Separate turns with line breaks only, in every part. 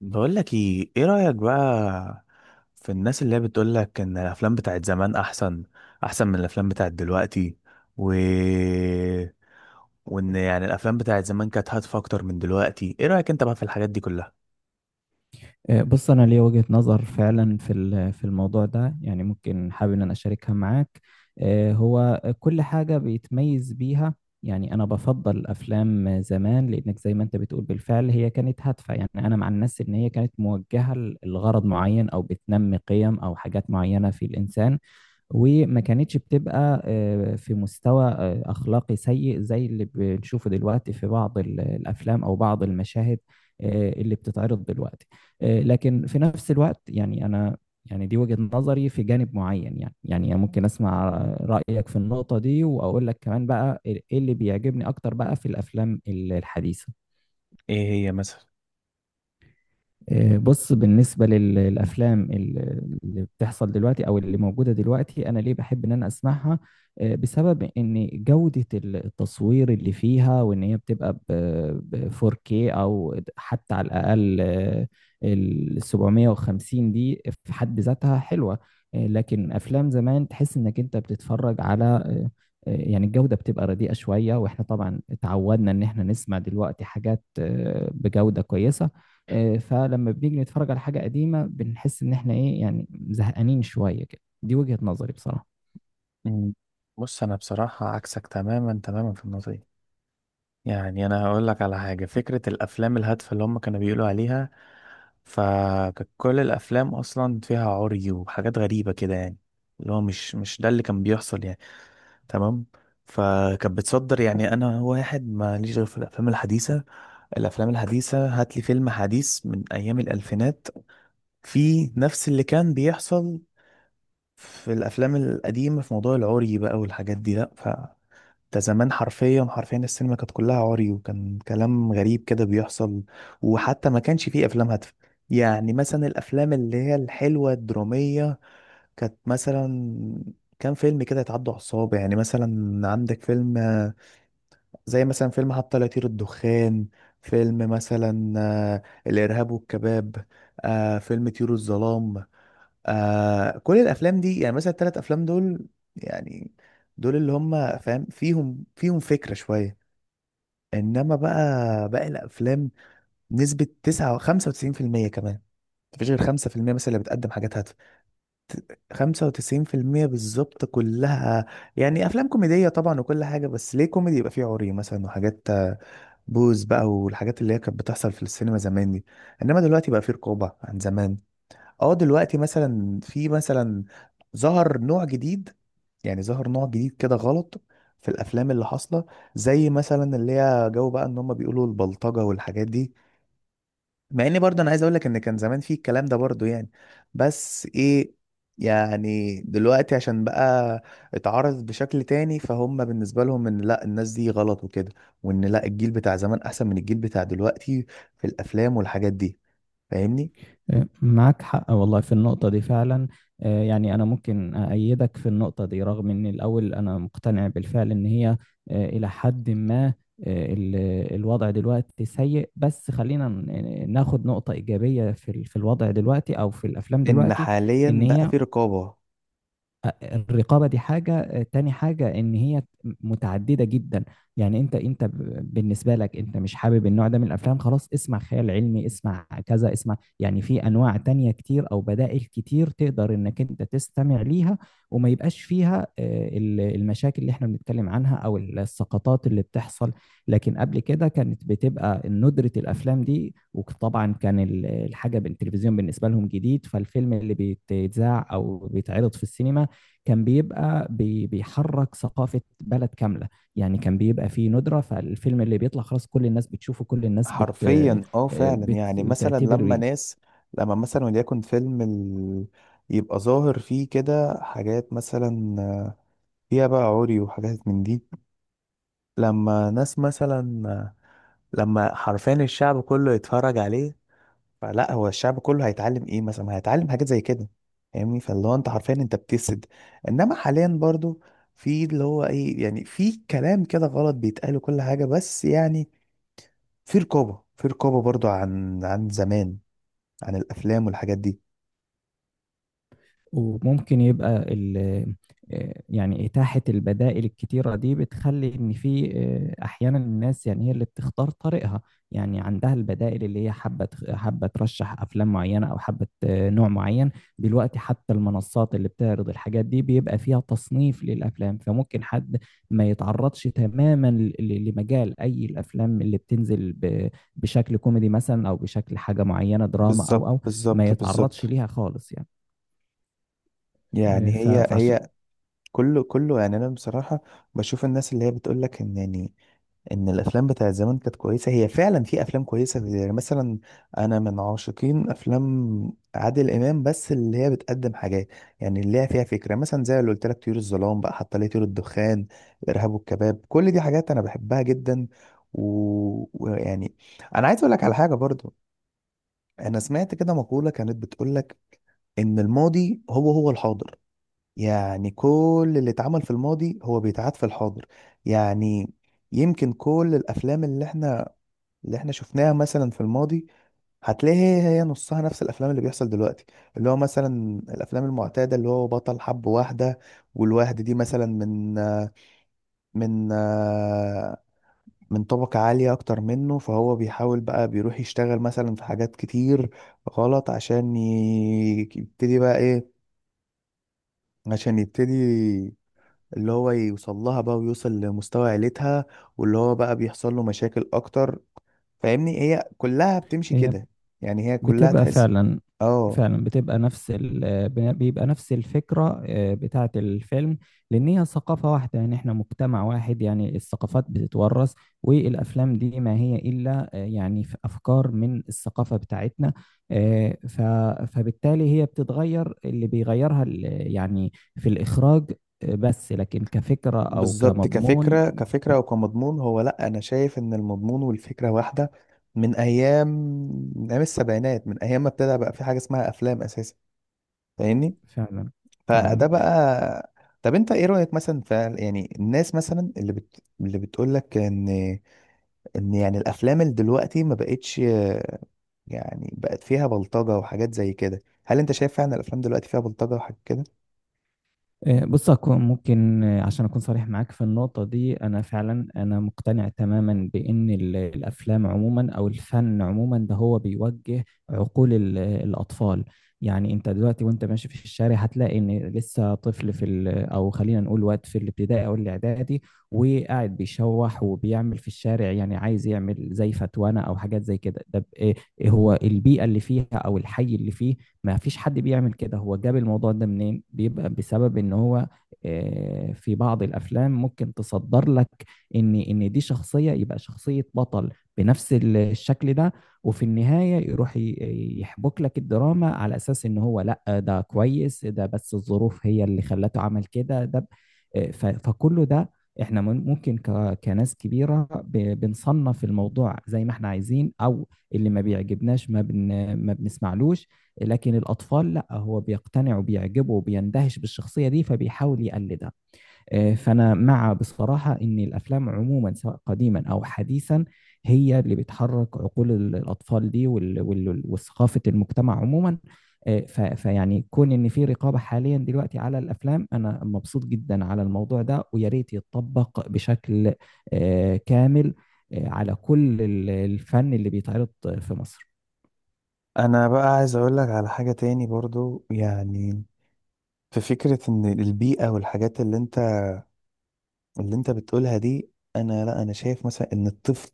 بقول لك ايه رأيك بقى في الناس اللي هي بتقول لك ان الافلام بتاعت زمان احسن من الافلام بتاعت دلوقتي و وان يعني الافلام بتاعت زمان كانت هادفة اكتر من دلوقتي. ايه رأيك انت بقى في الحاجات دي كلها؟
بص انا ليا وجهة نظر فعلا في الموضوع ده، يعني ممكن حابب ان انا اشاركها معاك. هو كل حاجة بيتميز بيها. يعني انا بفضل افلام زمان، لانك زي ما انت بتقول بالفعل هي كانت هادفة. يعني انا مع الناس ان هي كانت موجهة لغرض معين، او بتنمي قيم او حاجات معينة في الانسان. وما كانتش بتبقى في مستوى أخلاقي سيء زي اللي بنشوفه دلوقتي في بعض الأفلام أو بعض المشاهد اللي بتتعرض دلوقتي. لكن في نفس الوقت يعني أنا، يعني دي وجهة نظري في جانب معين، يعني ممكن أسمع رأيك في النقطة دي، وأقول لك كمان بقى إيه اللي بيعجبني أكتر بقى في الأفلام الحديثة.
ايه هي مثلا؟
بص، بالنسبة للأفلام اللي بتحصل دلوقتي أو اللي موجودة دلوقتي، أنا ليه بحب إن أنا أسمعها؟ بسبب إن جودة التصوير اللي فيها، وإن هي بتبقى ب 4K أو حتى على الأقل ال 750 دي في حد ذاتها حلوة. لكن أفلام زمان تحس إنك أنت بتتفرج على يعني الجودة بتبقى رديئة شوية. وإحنا طبعا اتعودنا إن إحنا نسمع دلوقتي حاجات بجودة كويسة. فلما بنيجي نتفرج على حاجة قديمة بنحس إن إحنا إيه، يعني زهقانين شوية كده. دي وجهة نظري بصراحة.
مم. بص، انا بصراحة عكسك تماما تماما في النقطة دي. يعني انا هقول لك على حاجة. فكرة الافلام الهادفة اللي هم كانوا بيقولوا عليها، فكانت كل الافلام اصلا فيها عري وحاجات غريبة كده يعني. اللي هو مش ده اللي كان بيحصل يعني. تمام. فكانت بتصدر يعني، انا واحد ماليش غير في الافلام الحديثه. الافلام الحديثه، هات لي فيلم حديث من ايام الالفينات في نفس اللي كان بيحصل في الافلام القديمه في موضوع العري بقى والحاجات دي. لا، ده زمان حرفيا حرفيا السينما كانت كلها عري، وكان كلام غريب كده بيحصل، وحتى ما كانش فيه افلام هادفه. يعني مثلا الافلام اللي هي الحلوه الدراميه كانت مثلا، كان فيلم كده يتعدوا على الصوابع. يعني مثلا عندك فيلم زي مثلا فيلم حتى لا يطير الدخان، فيلم مثلا الإرهاب والكباب، فيلم طيور الظلام، كل الأفلام دي. يعني مثلا التلات أفلام دول، يعني دول اللي هم فاهم فيهم فكرة شوية. إنما بقى باقي الأفلام نسبة تسعة 95% كمان. مفيش غير 5% مثلا اللي بتقدم حاجات هادفة. 95% بالظبط كلها يعني أفلام كوميدية طبعا وكل حاجة. بس ليه كوميدي يبقى فيه عري مثلا وحاجات بوز بقى، والحاجات اللي هي كانت بتحصل في السينما زمان دي. انما دلوقتي بقى في رقابة عن زمان. اه، دلوقتي مثلا في مثلا ظهر نوع جديد. يعني ظهر نوع جديد كده غلط في الافلام اللي حاصلة، زي مثلا اللي هي جو بقى ان هم بيقولوا البلطجة والحاجات دي. مع اني برضه انا عايز اقول لك ان كان زمان في الكلام ده برضه يعني، بس ايه، يعني دلوقتي عشان بقى اتعرض بشكل تاني، فهم بالنسبة لهم ان لا الناس دي غلط وكده، وان لا الجيل بتاع زمان احسن من الجيل بتاع دلوقتي في الافلام والحاجات دي. فاهمني؟
معاك حق والله في النقطة دي فعلا. يعني أنا ممكن أأيدك في النقطة دي، رغم إن الأول أنا مقتنع بالفعل إن هي إلى حد ما الوضع دلوقتي سيء. بس خلينا ناخد نقطة إيجابية في الوضع دلوقتي أو في الأفلام
ان
دلوقتي. إن
حاليا بقى
هي
في رقابة.
الرقابه دي حاجه تاني، حاجه ان هي متعدده جدا. يعني انت بالنسبه لك انت مش حابب النوع ده من الافلام، خلاص اسمع خيال علمي، اسمع كذا، اسمع. يعني في انواع تانية كتير او بدائل كتير تقدر انك انت تستمع ليها، وما يبقاش فيها المشاكل اللي احنا بنتكلم عنها او السقطات اللي بتحصل. لكن قبل كده كانت بتبقى ندرة الافلام دي، وطبعا كان الحاجه بالتلفزيون بالنسبه لهم جديد، فالفيلم اللي بيتذاع او بيتعرض في السينما كان بيبقى بيحرك ثقافة بلد كاملة. يعني كان بيبقى فيه ندرة، فالفيلم اللي بيطلع خلاص كل الناس بتشوفه، كل الناس
حرفيا، اه، فعلا. يعني مثلا
بتعتبر
لما
بيه.
ناس، لما مثلا وليكن فيلم يبقى ظاهر فيه كده حاجات مثلا فيها بقى عري وحاجات من دي. لما ناس مثلا، لما حرفيا الشعب كله يتفرج عليه، فلا هو الشعب كله هيتعلم ايه مثلا؟ ما هيتعلم حاجات زي كده. فاهمني؟ فاللي هو انت حرفيا انت بتسد. انما حاليا برضو في اللي هو ايه يعني، في كلام كده غلط بيتقال كل حاجة، بس يعني في رقابة برضو عن زمان، عن الافلام والحاجات دي.
وممكن يبقى يعني إتاحة البدائل الكتيرة دي بتخلي إن في أحيانا الناس، يعني هي اللي بتختار طريقها. يعني عندها البدائل، اللي هي حابة ترشح أفلام معينة، أو حابة نوع معين. دلوقتي حتى المنصات اللي بتعرض الحاجات دي بيبقى فيها تصنيف للأفلام، فممكن حد ما يتعرضش تماما لمجال أي الأفلام اللي بتنزل بشكل كوميدي مثلا، أو بشكل حاجة معينة، دراما أو
بالظبط
أو ما
بالظبط
يتعرضش
بالظبط.
ليها خالص يعني.
يعني
إيه،
هي
فعشان
هي كله يعني انا بصراحة بشوف الناس اللي هي بتقول لك ان يعني ان الافلام بتاعت زمان كانت كويسه. هي فعلا في افلام كويسه يعني مثلا، انا من عاشقين افلام عادل امام، بس اللي هي بتقدم حاجات يعني اللي هي فيها فكره مثلا زي اللي قلت لك طيور الظلام بقى، حتى ليه طيور الدخان، الارهاب والكباب. كل دي حاجات انا بحبها جدا. ويعني انا عايز اقول لك على حاجه برضو. انا سمعت كده مقوله كانت بتقول لك ان الماضي هو هو الحاضر. يعني كل اللي اتعمل في الماضي هو بيتعاد في الحاضر. يعني يمكن كل الافلام اللي احنا شفناها مثلا في الماضي هتلاقي هي هي نصها نفس الافلام اللي بيحصل دلوقتي. اللي هو مثلا الافلام المعتاده، اللي هو بطل حب واحده، والواحده دي مثلا من من طبقه عاليه اكتر منه، فهو بيحاول بقى بيروح يشتغل مثلا في حاجات كتير غلط عشان يبتدي بقى ايه، عشان يبتدي اللي هو يوصل لها بقى، ويوصل لمستوى عيلتها، واللي هو بقى بيحصل له مشاكل اكتر. فاهمني؟ هي كلها بتمشي
هي
كده. يعني هي كلها
بتبقى
تحس.
فعلا،
اه.
فعلا بتبقى نفس ال... بيبقى نفس الفكرة بتاعة الفيلم. لأن هي ثقافة واحدة، يعني احنا مجتمع واحد، يعني الثقافات بتتورث، والأفلام دي ما هي إلا يعني في أفكار من الثقافة بتاعتنا. آه، ف... فبالتالي هي بتتغير، اللي بيغيرها يعني في الإخراج. بس لكن كفكرة أو
بالظبط،
كمضمون،
كفكرة وكمضمون. هو لا، انا شايف ان المضمون والفكرة واحدة من ايام من ايام السبعينات، من ايام ما ابتدى بقى في حاجة اسمها افلام اساسا. فاهمني؟
فعلا فعلا.
فده بقى. طب انت ايه رأيك مثلا في، يعني الناس مثلا اللي اللي بتقول لك ان يعني الافلام اللي دلوقتي ما بقتش، يعني بقت فيها بلطجة وحاجات زي كده. هل انت شايف فعلا الافلام دلوقتي فيها بلطجة وحاجات كده؟
بص، أكون ممكن آه، عشان أكون صريح معاك في النقطة دي، أنا فعلا أنا مقتنع تماما بإن الأفلام عموما أو الفن عموما ده هو بيوجه عقول الأطفال. يعني أنت دلوقتي وأنت ماشي في الشارع هتلاقي إن لسه طفل في ال أو خلينا نقول وقت في الابتدائي أو الإعدادي، وقاعد بيشوح وبيعمل في الشارع، يعني عايز يعمل زي فتوانة أو حاجات زي كده. ده إيه؟ إيه هو البيئة اللي فيها أو الحي اللي فيه؟ ما فيش حد بيعمل كده، هو جاب الموضوع ده منين؟ بيبقى بسبب ان هو في بعض الافلام ممكن تصدر لك ان دي شخصية، يبقى شخصية بطل بنفس الشكل ده، وفي النهاية يروح يحبك لك الدراما على اساس ان هو لا ده كويس، ده بس الظروف هي اللي خلته عمل كده. ده فكله ده احنا ممكن كناس كبيرة بنصنف الموضوع زي ما احنا عايزين، او اللي ما بيعجبناش ما بنسمعلوش. لكن الأطفال لا، هو بيقتنع وبيعجبه وبيندهش بالشخصية دي فبيحاول يقلدها. فأنا مع، بصراحة، إن الأفلام عموما سواء قديما أو حديثا هي اللي بتحرك عقول الأطفال دي، وثقافة المجتمع عموما. فيعني كون إن في رقابة حاليا دلوقتي على الأفلام، أنا مبسوط جدا على الموضوع ده، ويا ريت يتطبق بشكل كامل على كل الفن اللي بيتعرض في مصر.
انا بقى عايز اقول لك على حاجة تاني برضو. يعني في فكرة ان البيئة والحاجات اللي انت بتقولها دي، انا لا، انا شايف مثلا ان الطفل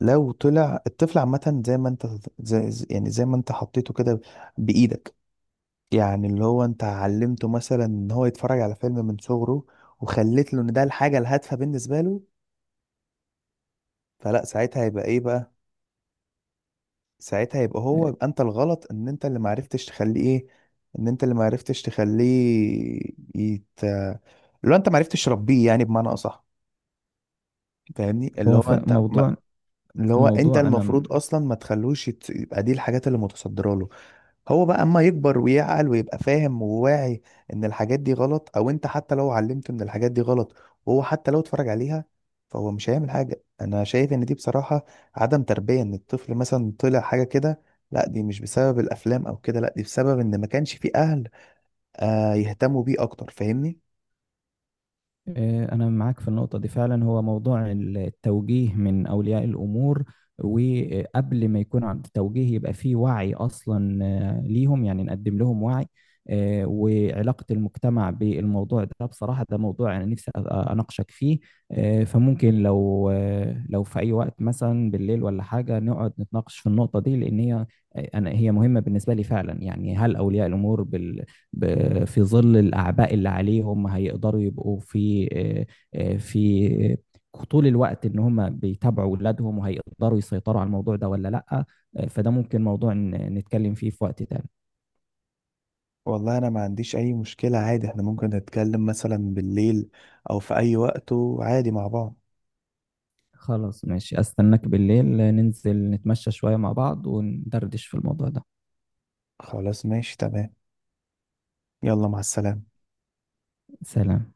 لو طلع الطفل عامة زي ما انت، يعني زي ما انت حطيته كده بايدك، يعني اللي هو انت علمته مثلا ان هو يتفرج على فيلم من صغره، وخليت له ان ده الحاجة الهادفة بالنسبة له، فلا ساعتها هيبقى ايه بقى. ساعتها يبقى
آه،
هو، يبقى انت الغلط، ان انت اللي معرفتش تخليه ايه، ان انت اللي معرفتش تخليه يت... اللي هو انت معرفتش تربيه يعني بمعنى اصح. فاهمني؟ اللي
هو
هو انت ما...
موضوع
اللي هو انت
موضوع أنا
المفروض اصلا ما تخلوش يبقى دي الحاجات اللي متصدره له. هو بقى اما يكبر ويعقل ويبقى فاهم وواعي ان الحاجات دي غلط، او انت حتى لو علمته ان الحاجات دي غلط وهو حتى لو اتفرج عليها فهو مش هيعمل حاجة. انا شايف ان دي بصراحة عدم تربية. ان الطفل مثلا طلع حاجة كده، لا دي مش بسبب الافلام او كده، لا دي بسبب ان ما كانش فيه اهل يهتموا بيه اكتر. فاهمني؟
أنا معاك في النقطة دي فعلا، هو موضوع التوجيه من أولياء الأمور. وقبل ما يكون عند التوجيه يبقى فيه وعي أصلا ليهم، يعني نقدم لهم وعي وعلاقة المجتمع بالموضوع ده. بصراحة ده موضوع أنا نفسي أناقشك فيه. فممكن لو لو في أي وقت مثلا بالليل ولا حاجة، نقعد نتناقش في النقطة دي، لأن هي أنا، هي مهمة بالنسبة لي فعلا. يعني هل أولياء الأمور في ظل الأعباء اللي عليهم هيقدروا يبقوا في في طول الوقت إن هم بيتابعوا أولادهم، وهيقدروا يسيطروا على الموضوع ده ولا لأ؟ فده ممكن موضوع نتكلم فيه في وقت تاني.
والله انا ما عنديش اي مشكلة. عادي احنا ممكن نتكلم مثلا بالليل او في اي وقت، وعادي مع بعض.
خلاص ماشي، أستناك بالليل ننزل نتمشى شوية مع بعض وندردش في الموضوع ده.
خلاص، ماشي، تمام. يلا، مع السلامة.
سلام.